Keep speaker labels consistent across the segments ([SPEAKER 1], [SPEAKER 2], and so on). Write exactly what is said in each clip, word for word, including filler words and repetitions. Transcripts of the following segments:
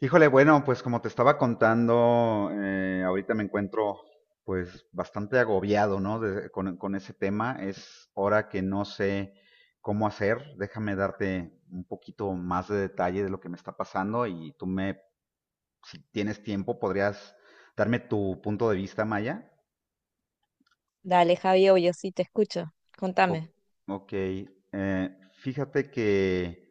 [SPEAKER 1] Híjole, bueno, pues como te estaba contando, eh, ahorita me encuentro pues bastante agobiado, ¿no? de- con, con ese tema. Es hora que no sé cómo hacer. Déjame darte un poquito más de detalle de lo que me está pasando y tú me, si tienes tiempo, podrías darme tu punto de vista, Maya.
[SPEAKER 2] Dale, Javi, yo sí te escucho.
[SPEAKER 1] O-
[SPEAKER 2] Contame.
[SPEAKER 1] ok, eh, fíjate que,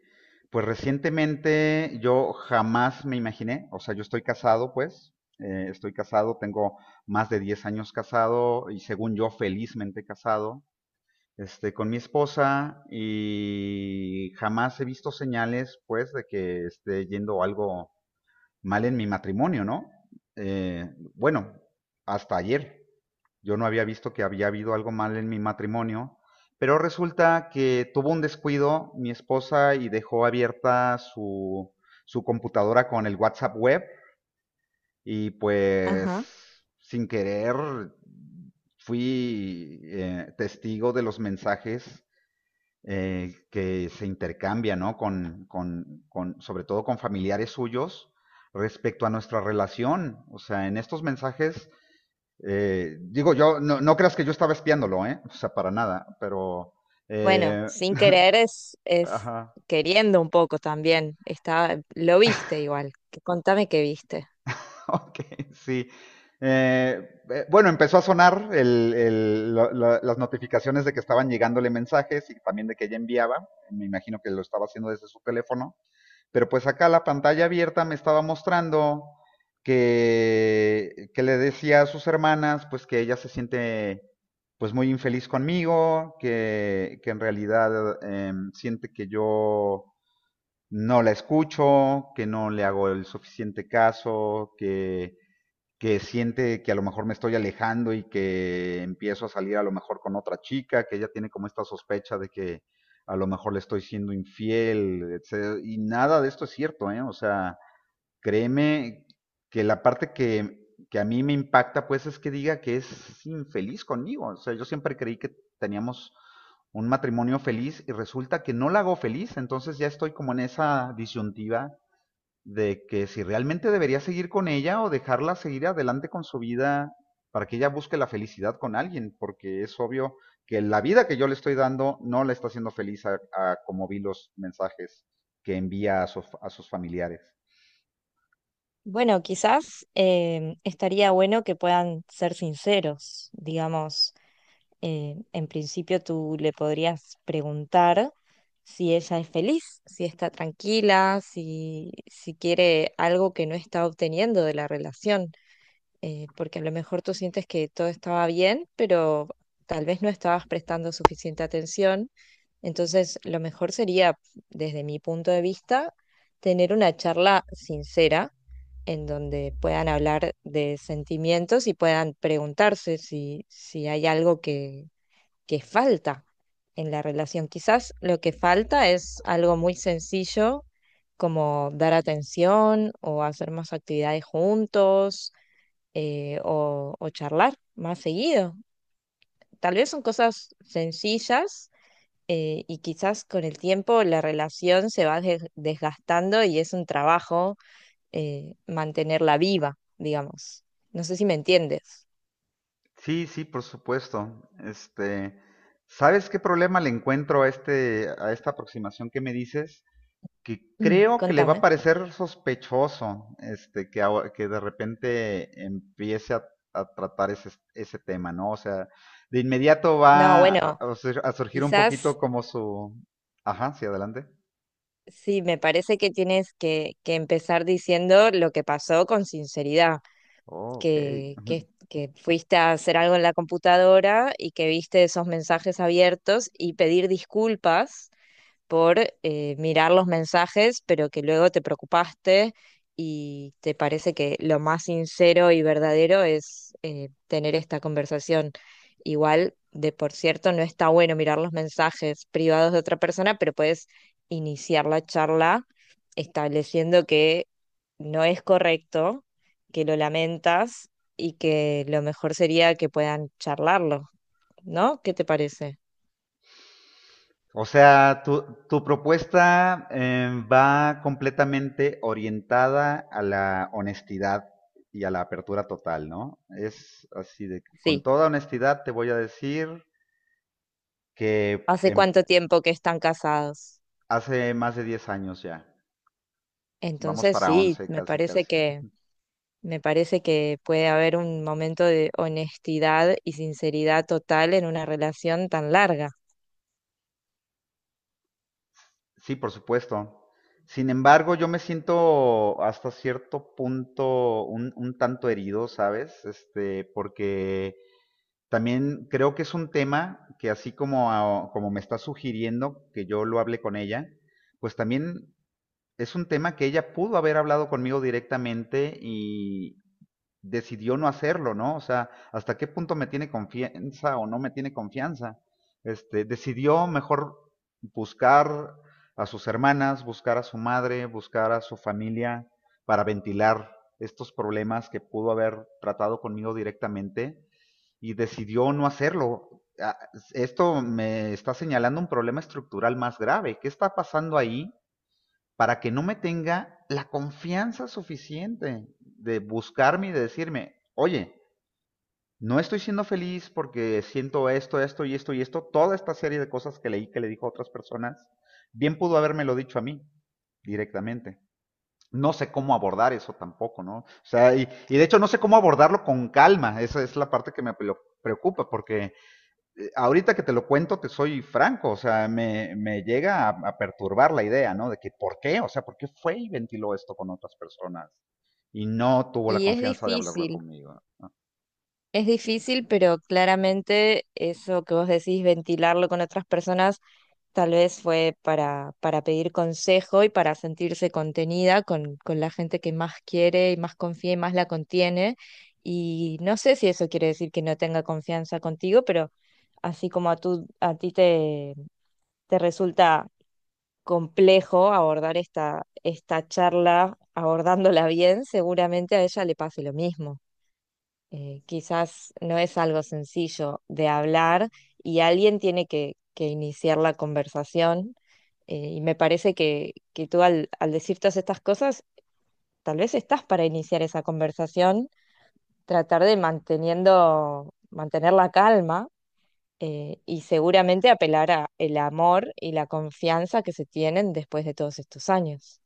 [SPEAKER 1] pues recientemente yo jamás me imaginé, o sea, yo estoy casado, pues, eh, estoy casado, tengo más de diez años casado y según yo felizmente casado, este, con mi esposa y jamás he visto señales, pues, de que esté yendo algo mal en mi matrimonio, ¿no? Eh, bueno, hasta ayer yo no había visto que había habido algo mal en mi matrimonio, pero resulta que tuvo un descuido mi esposa y dejó abierta su, su computadora con el WhatsApp web y
[SPEAKER 2] Ajá.
[SPEAKER 1] pues sin querer fui eh, testigo de los mensajes eh, que se intercambia, ¿no? Con, con, con, sobre todo con familiares suyos respecto a nuestra relación. O sea, en estos mensajes, eh, digo yo, no, no, creas que yo estaba espiándolo, ¿eh? O sea, para nada, pero...
[SPEAKER 2] Bueno,
[SPEAKER 1] Eh,
[SPEAKER 2] sin querer es, es
[SPEAKER 1] ajá,
[SPEAKER 2] queriendo un poco también. Está, lo viste igual. Que- Contame qué viste.
[SPEAKER 1] ok, sí. Eh, eh, bueno, empezó a sonar el, el, la, la, las notificaciones de que estaban llegándole mensajes y también de que ella enviaba. Me imagino que lo estaba haciendo desde su teléfono. Pero pues acá la pantalla abierta me estaba mostrando que, que le decía a sus hermanas pues que ella se siente pues muy infeliz conmigo, que, que en realidad eh, siente que yo no la escucho, que no le hago el suficiente caso, que que siente que a lo mejor me estoy alejando y que empiezo a salir a lo mejor con otra chica, que ella tiene como esta sospecha de que a lo mejor le estoy siendo infiel, etcétera. Y nada de esto es cierto, ¿eh? O sea, créeme que la parte que, que a mí me impacta, pues, es que diga que es infeliz conmigo. O sea, yo siempre creí que teníamos un matrimonio feliz y resulta que no la hago feliz, entonces ya estoy como en esa disyuntiva de que si realmente debería seguir con ella o dejarla seguir adelante con su vida para que ella busque la felicidad con alguien, porque es obvio que la vida que yo le estoy dando no la está haciendo feliz a, a como vi los mensajes que envía a, su- a sus familiares.
[SPEAKER 2] Bueno, quizás eh, estaría bueno que puedan ser sinceros. Digamos, eh, en principio tú le podrías preguntar si ella es feliz, si está tranquila, si, si quiere algo que no está obteniendo de la relación. Eh, porque a lo mejor tú sientes que todo estaba bien, pero tal vez no estabas prestando suficiente atención. Entonces, lo mejor sería, desde mi punto de vista, tener una charla sincera en donde puedan hablar de sentimientos y puedan preguntarse si, si hay algo que, que falta en la relación. Quizás lo que falta es algo muy sencillo como dar atención o hacer más actividades juntos eh, o, o charlar más seguido. Tal vez son cosas sencillas eh, y quizás con el tiempo la relación se va des- desgastando y es un trabajo eh, mantenerla viva, digamos. No sé si me entiendes.
[SPEAKER 1] Sí, sí, por supuesto. Este, ¿sabes qué problema le encuentro a este, a esta aproximación que me dices? Que
[SPEAKER 2] Mm.
[SPEAKER 1] creo que le va a
[SPEAKER 2] Contame.
[SPEAKER 1] parecer sospechoso este, que, que de repente empiece a, a tratar ese, ese tema, ¿no? O sea, de inmediato
[SPEAKER 2] No,
[SPEAKER 1] va a,
[SPEAKER 2] bueno,
[SPEAKER 1] a surgir un poquito
[SPEAKER 2] quizás
[SPEAKER 1] como su... Ajá, sí, adelante.
[SPEAKER 2] sí, me parece que tienes que, que empezar diciendo lo que pasó con sinceridad.
[SPEAKER 1] Oh, ok.
[SPEAKER 2] Que, que, que fuiste a hacer algo en la computadora y que viste esos mensajes abiertos y pedir disculpas por eh, mirar los mensajes, pero que luego te preocupaste y te parece que lo más sincero y verdadero es eh, tener esta conversación. Igual, de por cierto, no está bueno mirar los mensajes privados de otra persona, pero puedes iniciar la charla estableciendo que no es correcto, que lo lamentas y que lo mejor sería que puedan charlarlo, ¿no? ¿Qué te parece?
[SPEAKER 1] O sea, tu, tu propuesta em, va completamente orientada a la honestidad y a la apertura total, ¿no? Es así de, con
[SPEAKER 2] Sí.
[SPEAKER 1] toda honestidad te voy a decir que
[SPEAKER 2] ¿Hace
[SPEAKER 1] em-
[SPEAKER 2] cuánto tiempo que están casados?
[SPEAKER 1] Hace más de diez años ya. Vamos
[SPEAKER 2] Entonces
[SPEAKER 1] para
[SPEAKER 2] sí,
[SPEAKER 1] once,
[SPEAKER 2] me
[SPEAKER 1] casi,
[SPEAKER 2] parece
[SPEAKER 1] casi.
[SPEAKER 2] que, me parece que puede haber un momento de honestidad y sinceridad total en una relación tan larga.
[SPEAKER 1] Sí, por supuesto. Sin embargo, yo me siento hasta cierto punto un, un tanto herido, ¿sabes? Este, porque también creo que es un tema que así como, a- como me está sugiriendo que yo lo hable con ella, pues también es un tema que ella pudo haber hablado conmigo directamente y, decidió no hacerlo, ¿no? O sea, hasta qué punto me tiene confianza o no me tiene confianza. Este, decidió mejor buscar a sus hermanas, buscar a su madre, buscar a su familia para ventilar estos problemas que pudo haber tratado conmigo directamente y decidió no hacerlo. Ah, Esto me está señalando un problema estructural más grave. ¿Qué está pasando ahí para que no me tenga la confianza suficiente de buscarme y de decirme, oye, no estoy siendo feliz porque siento esto, esto y esto y esto, toda esta serie de cosas que leí que le dijo a otras personas, bien pudo habérmelo dicho a mí directamente. No sé cómo abordar eso tampoco, ¿no? O sea, y, y de hecho no sé cómo abordarlo con calma, esa es la parte que me preocupa, porque ahorita que te lo cuento, te soy franco, o sea, me, me llega a, a perturbar la idea, ¿no? ¿De que, por qué? O sea, ¿por qué fue y ventiló esto con otras personas? Y no tuvo la
[SPEAKER 2] Y es
[SPEAKER 1] confianza de hablarlo
[SPEAKER 2] difícil,
[SPEAKER 1] conmigo.
[SPEAKER 2] es difícil, pero claramente eso que vos decís, ventilarlo con otras personas, tal vez fue para, para pedir consejo y para sentirse contenida con, con la gente que más quiere y más confía y más la contiene. Y no sé si eso quiere decir que no tenga confianza contigo, pero así como a tú, a ti te te resulta complejo abordar esta, esta charla, abordándola bien, seguramente a ella le pase lo mismo. Eh, quizás no es algo sencillo de hablar y alguien tiene que, que iniciar la conversación. Eh, y me parece que, que tú al, al decir todas estas cosas, tal vez estás para iniciar esa conversación, tratar de manteniendo, mantener la calma eh, y seguramente apelar a el amor y la confianza que se tienen después de todos estos años.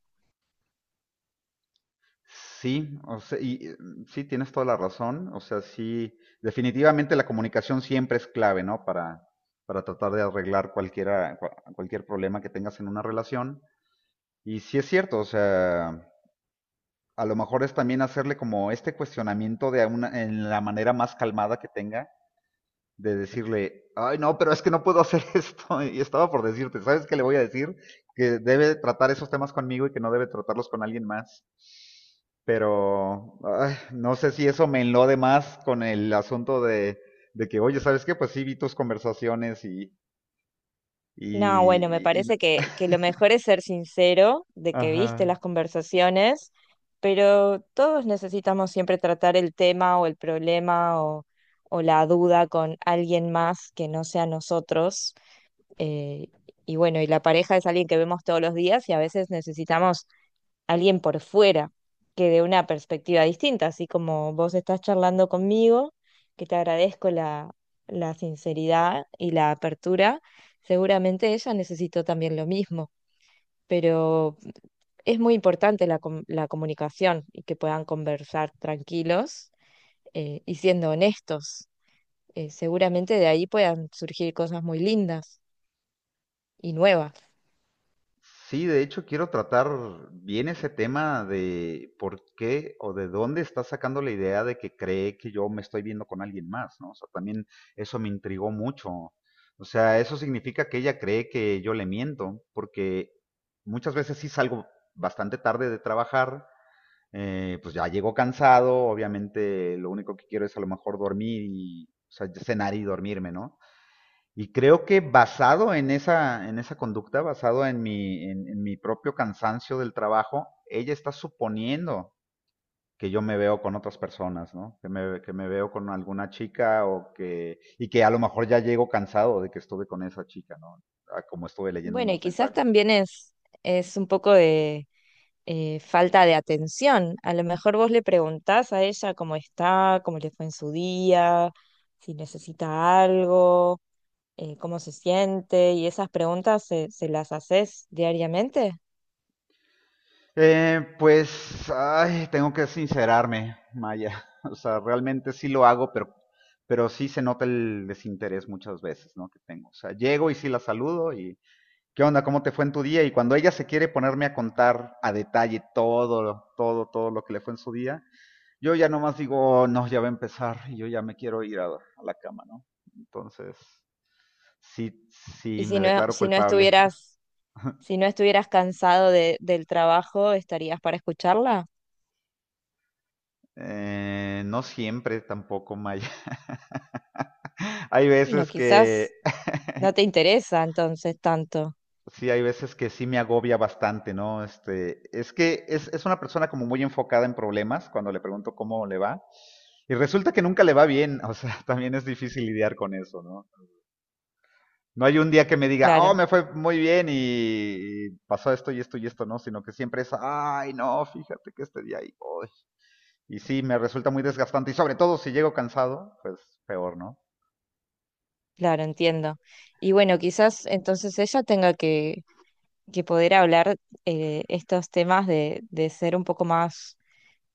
[SPEAKER 1] Sí, o sea, y eh, sí, tienes toda la razón. O sea, sí, definitivamente la comunicación siempre es clave, ¿no? Para, para tratar de arreglar cualquiera, cua- cualquier problema que tengas en una relación. Y sí es cierto, o sea, a lo mejor es también hacerle como este cuestionamiento de una, en la manera más calmada que tenga de decirle, ay, no, pero es que no puedo hacer esto. Y estaba por decirte, ¿sabes qué le voy a decir? Que debe tratar esos temas conmigo y que no debe tratarlos con alguien más. Pero ay, no sé si eso me enlode más con el asunto de, de que, oye, ¿sabes qué? Pues sí, vi tus conversaciones y,
[SPEAKER 2] No, bueno, me
[SPEAKER 1] y, y- y-
[SPEAKER 2] parece que, que lo mejor es ser sincero de que viste
[SPEAKER 1] ajá.
[SPEAKER 2] las conversaciones, pero todos necesitamos siempre tratar el tema o el problema o, o la duda con alguien más que no sea nosotros. eh, y bueno, y la pareja es alguien que vemos todos los días y a veces necesitamos alguien por fuera que de una perspectiva distinta, así como vos estás charlando conmigo, que te agradezco la, la sinceridad y la apertura, seguramente ella necesitó también lo mismo, pero es muy importante la, com- la comunicación y que puedan conversar tranquilos eh, y siendo honestos. Eh, seguramente de ahí puedan surgir cosas muy lindas y nuevas.
[SPEAKER 1] Sí, de hecho, quiero tratar bien ese tema de por qué o de dónde está sacando la idea de que cree que yo me estoy viendo con alguien más, ¿no? O sea, también eso me intrigó mucho. O sea, eso significa que ella cree que yo le miento, porque muchas veces sí salgo bastante tarde de trabajar, eh, pues ya llego cansado, obviamente lo único que quiero es a lo mejor dormir y, o sea, cenar y dormirme, ¿no? Y creo que basado en esa, en esa conducta, basado en mi, en, en mi propio cansancio del trabajo, ella está suponiendo que yo me veo con otras personas, ¿no? Que me, que me veo con alguna chica o que, y que a lo mejor ya llego cansado de que estuve con esa chica, ¿no? Ah, como estuve leyendo en
[SPEAKER 2] Bueno, y
[SPEAKER 1] los
[SPEAKER 2] quizás
[SPEAKER 1] mensajes.
[SPEAKER 2] también es, es un poco de eh, falta de atención. A lo mejor vos le preguntás a ella cómo está, cómo le fue en su día, si necesita algo, eh, cómo se siente, y esas preguntas se, se las haces diariamente.
[SPEAKER 1] Eh, pues, ay, tengo que sincerarme, Maya. O sea, realmente sí lo hago, pero, pero sí se nota el desinterés muchas veces, ¿no? Que tengo. O sea, llego y sí la saludo y, ¿qué onda? ¿Cómo te fue en tu día? Y cuando ella se quiere ponerme a contar a detalle todo, todo, todo lo que le fue en su día, yo ya nomás digo, "Oh, no, ya va a empezar y yo ya me quiero ir a, a la cama, ¿no? Entonces, sí,
[SPEAKER 2] Y
[SPEAKER 1] sí,
[SPEAKER 2] si
[SPEAKER 1] me
[SPEAKER 2] no,
[SPEAKER 1] declaro
[SPEAKER 2] si no
[SPEAKER 1] culpable.
[SPEAKER 2] estuvieras, si no estuvieras cansado de- del trabajo, ¿estarías para escucharla?
[SPEAKER 1] Eh, no siempre tampoco, Maya. Hay
[SPEAKER 2] Bueno,
[SPEAKER 1] veces que
[SPEAKER 2] quizás no te interesa entonces tanto.
[SPEAKER 1] sí, hay veces que sí me agobia bastante, ¿no? Este, es que es, es una persona como muy enfocada en problemas cuando le pregunto cómo le va. Y resulta que nunca le va bien, o sea, también es difícil lidiar con eso, ¿no? No hay un día que me diga, oh,
[SPEAKER 2] Claro,
[SPEAKER 1] me fue muy bien y, y pasó esto y esto y esto, ¿no? Sino que siempre es, ay, no, fíjate que este día ahí voy. Y sí, me resulta muy desgastante y sobre todo si llego cansado, pues peor, ¿no?
[SPEAKER 2] claro, entiendo. Y bueno, quizás entonces ella tenga que que poder hablar eh, estos temas de, de ser un poco más,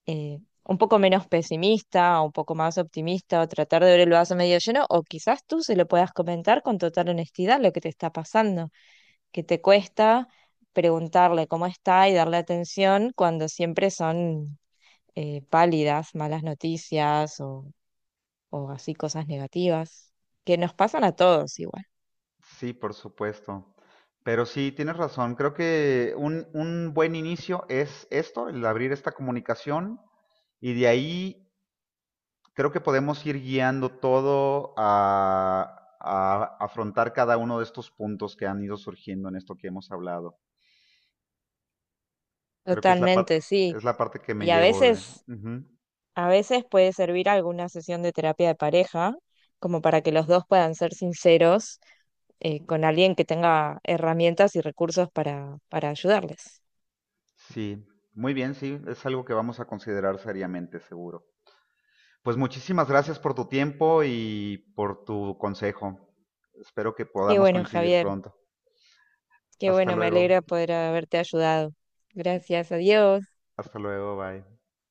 [SPEAKER 2] eh, un poco menos pesimista, un poco más optimista, o tratar de ver el vaso medio lleno, o quizás tú se lo puedas comentar con total honestidad lo que te está pasando, que te cuesta preguntarle cómo está y darle atención cuando siempre son eh, pálidas, malas noticias o, o así cosas negativas, que nos pasan a todos igual.
[SPEAKER 1] Sí, por supuesto. Pero sí, tienes razón. Creo que un, un buen inicio es esto, el abrir esta comunicación y de ahí creo que podemos ir guiando todo a, a afrontar cada uno de estos puntos que han ido surgiendo en esto que hemos hablado. Creo que es la, par-
[SPEAKER 2] Totalmente, sí.
[SPEAKER 1] es la parte que me
[SPEAKER 2] Y a
[SPEAKER 1] llevo de...
[SPEAKER 2] veces
[SPEAKER 1] Ujú.
[SPEAKER 2] a veces puede servir alguna sesión de terapia de pareja, como para que los dos puedan ser sinceros eh, con alguien que tenga herramientas y recursos para, para ayudarles.
[SPEAKER 1] Sí, muy bien, sí, es algo que vamos a considerar seriamente, seguro. Pues muchísimas gracias por tu tiempo y por tu consejo. Espero que
[SPEAKER 2] Y
[SPEAKER 1] podamos
[SPEAKER 2] bueno,
[SPEAKER 1] coincidir
[SPEAKER 2] Javier,
[SPEAKER 1] pronto.
[SPEAKER 2] qué
[SPEAKER 1] Hasta
[SPEAKER 2] bueno, me
[SPEAKER 1] luego.
[SPEAKER 2] alegra poder haberte ayudado. Gracias, adiós.
[SPEAKER 1] Hasta luego. Bye.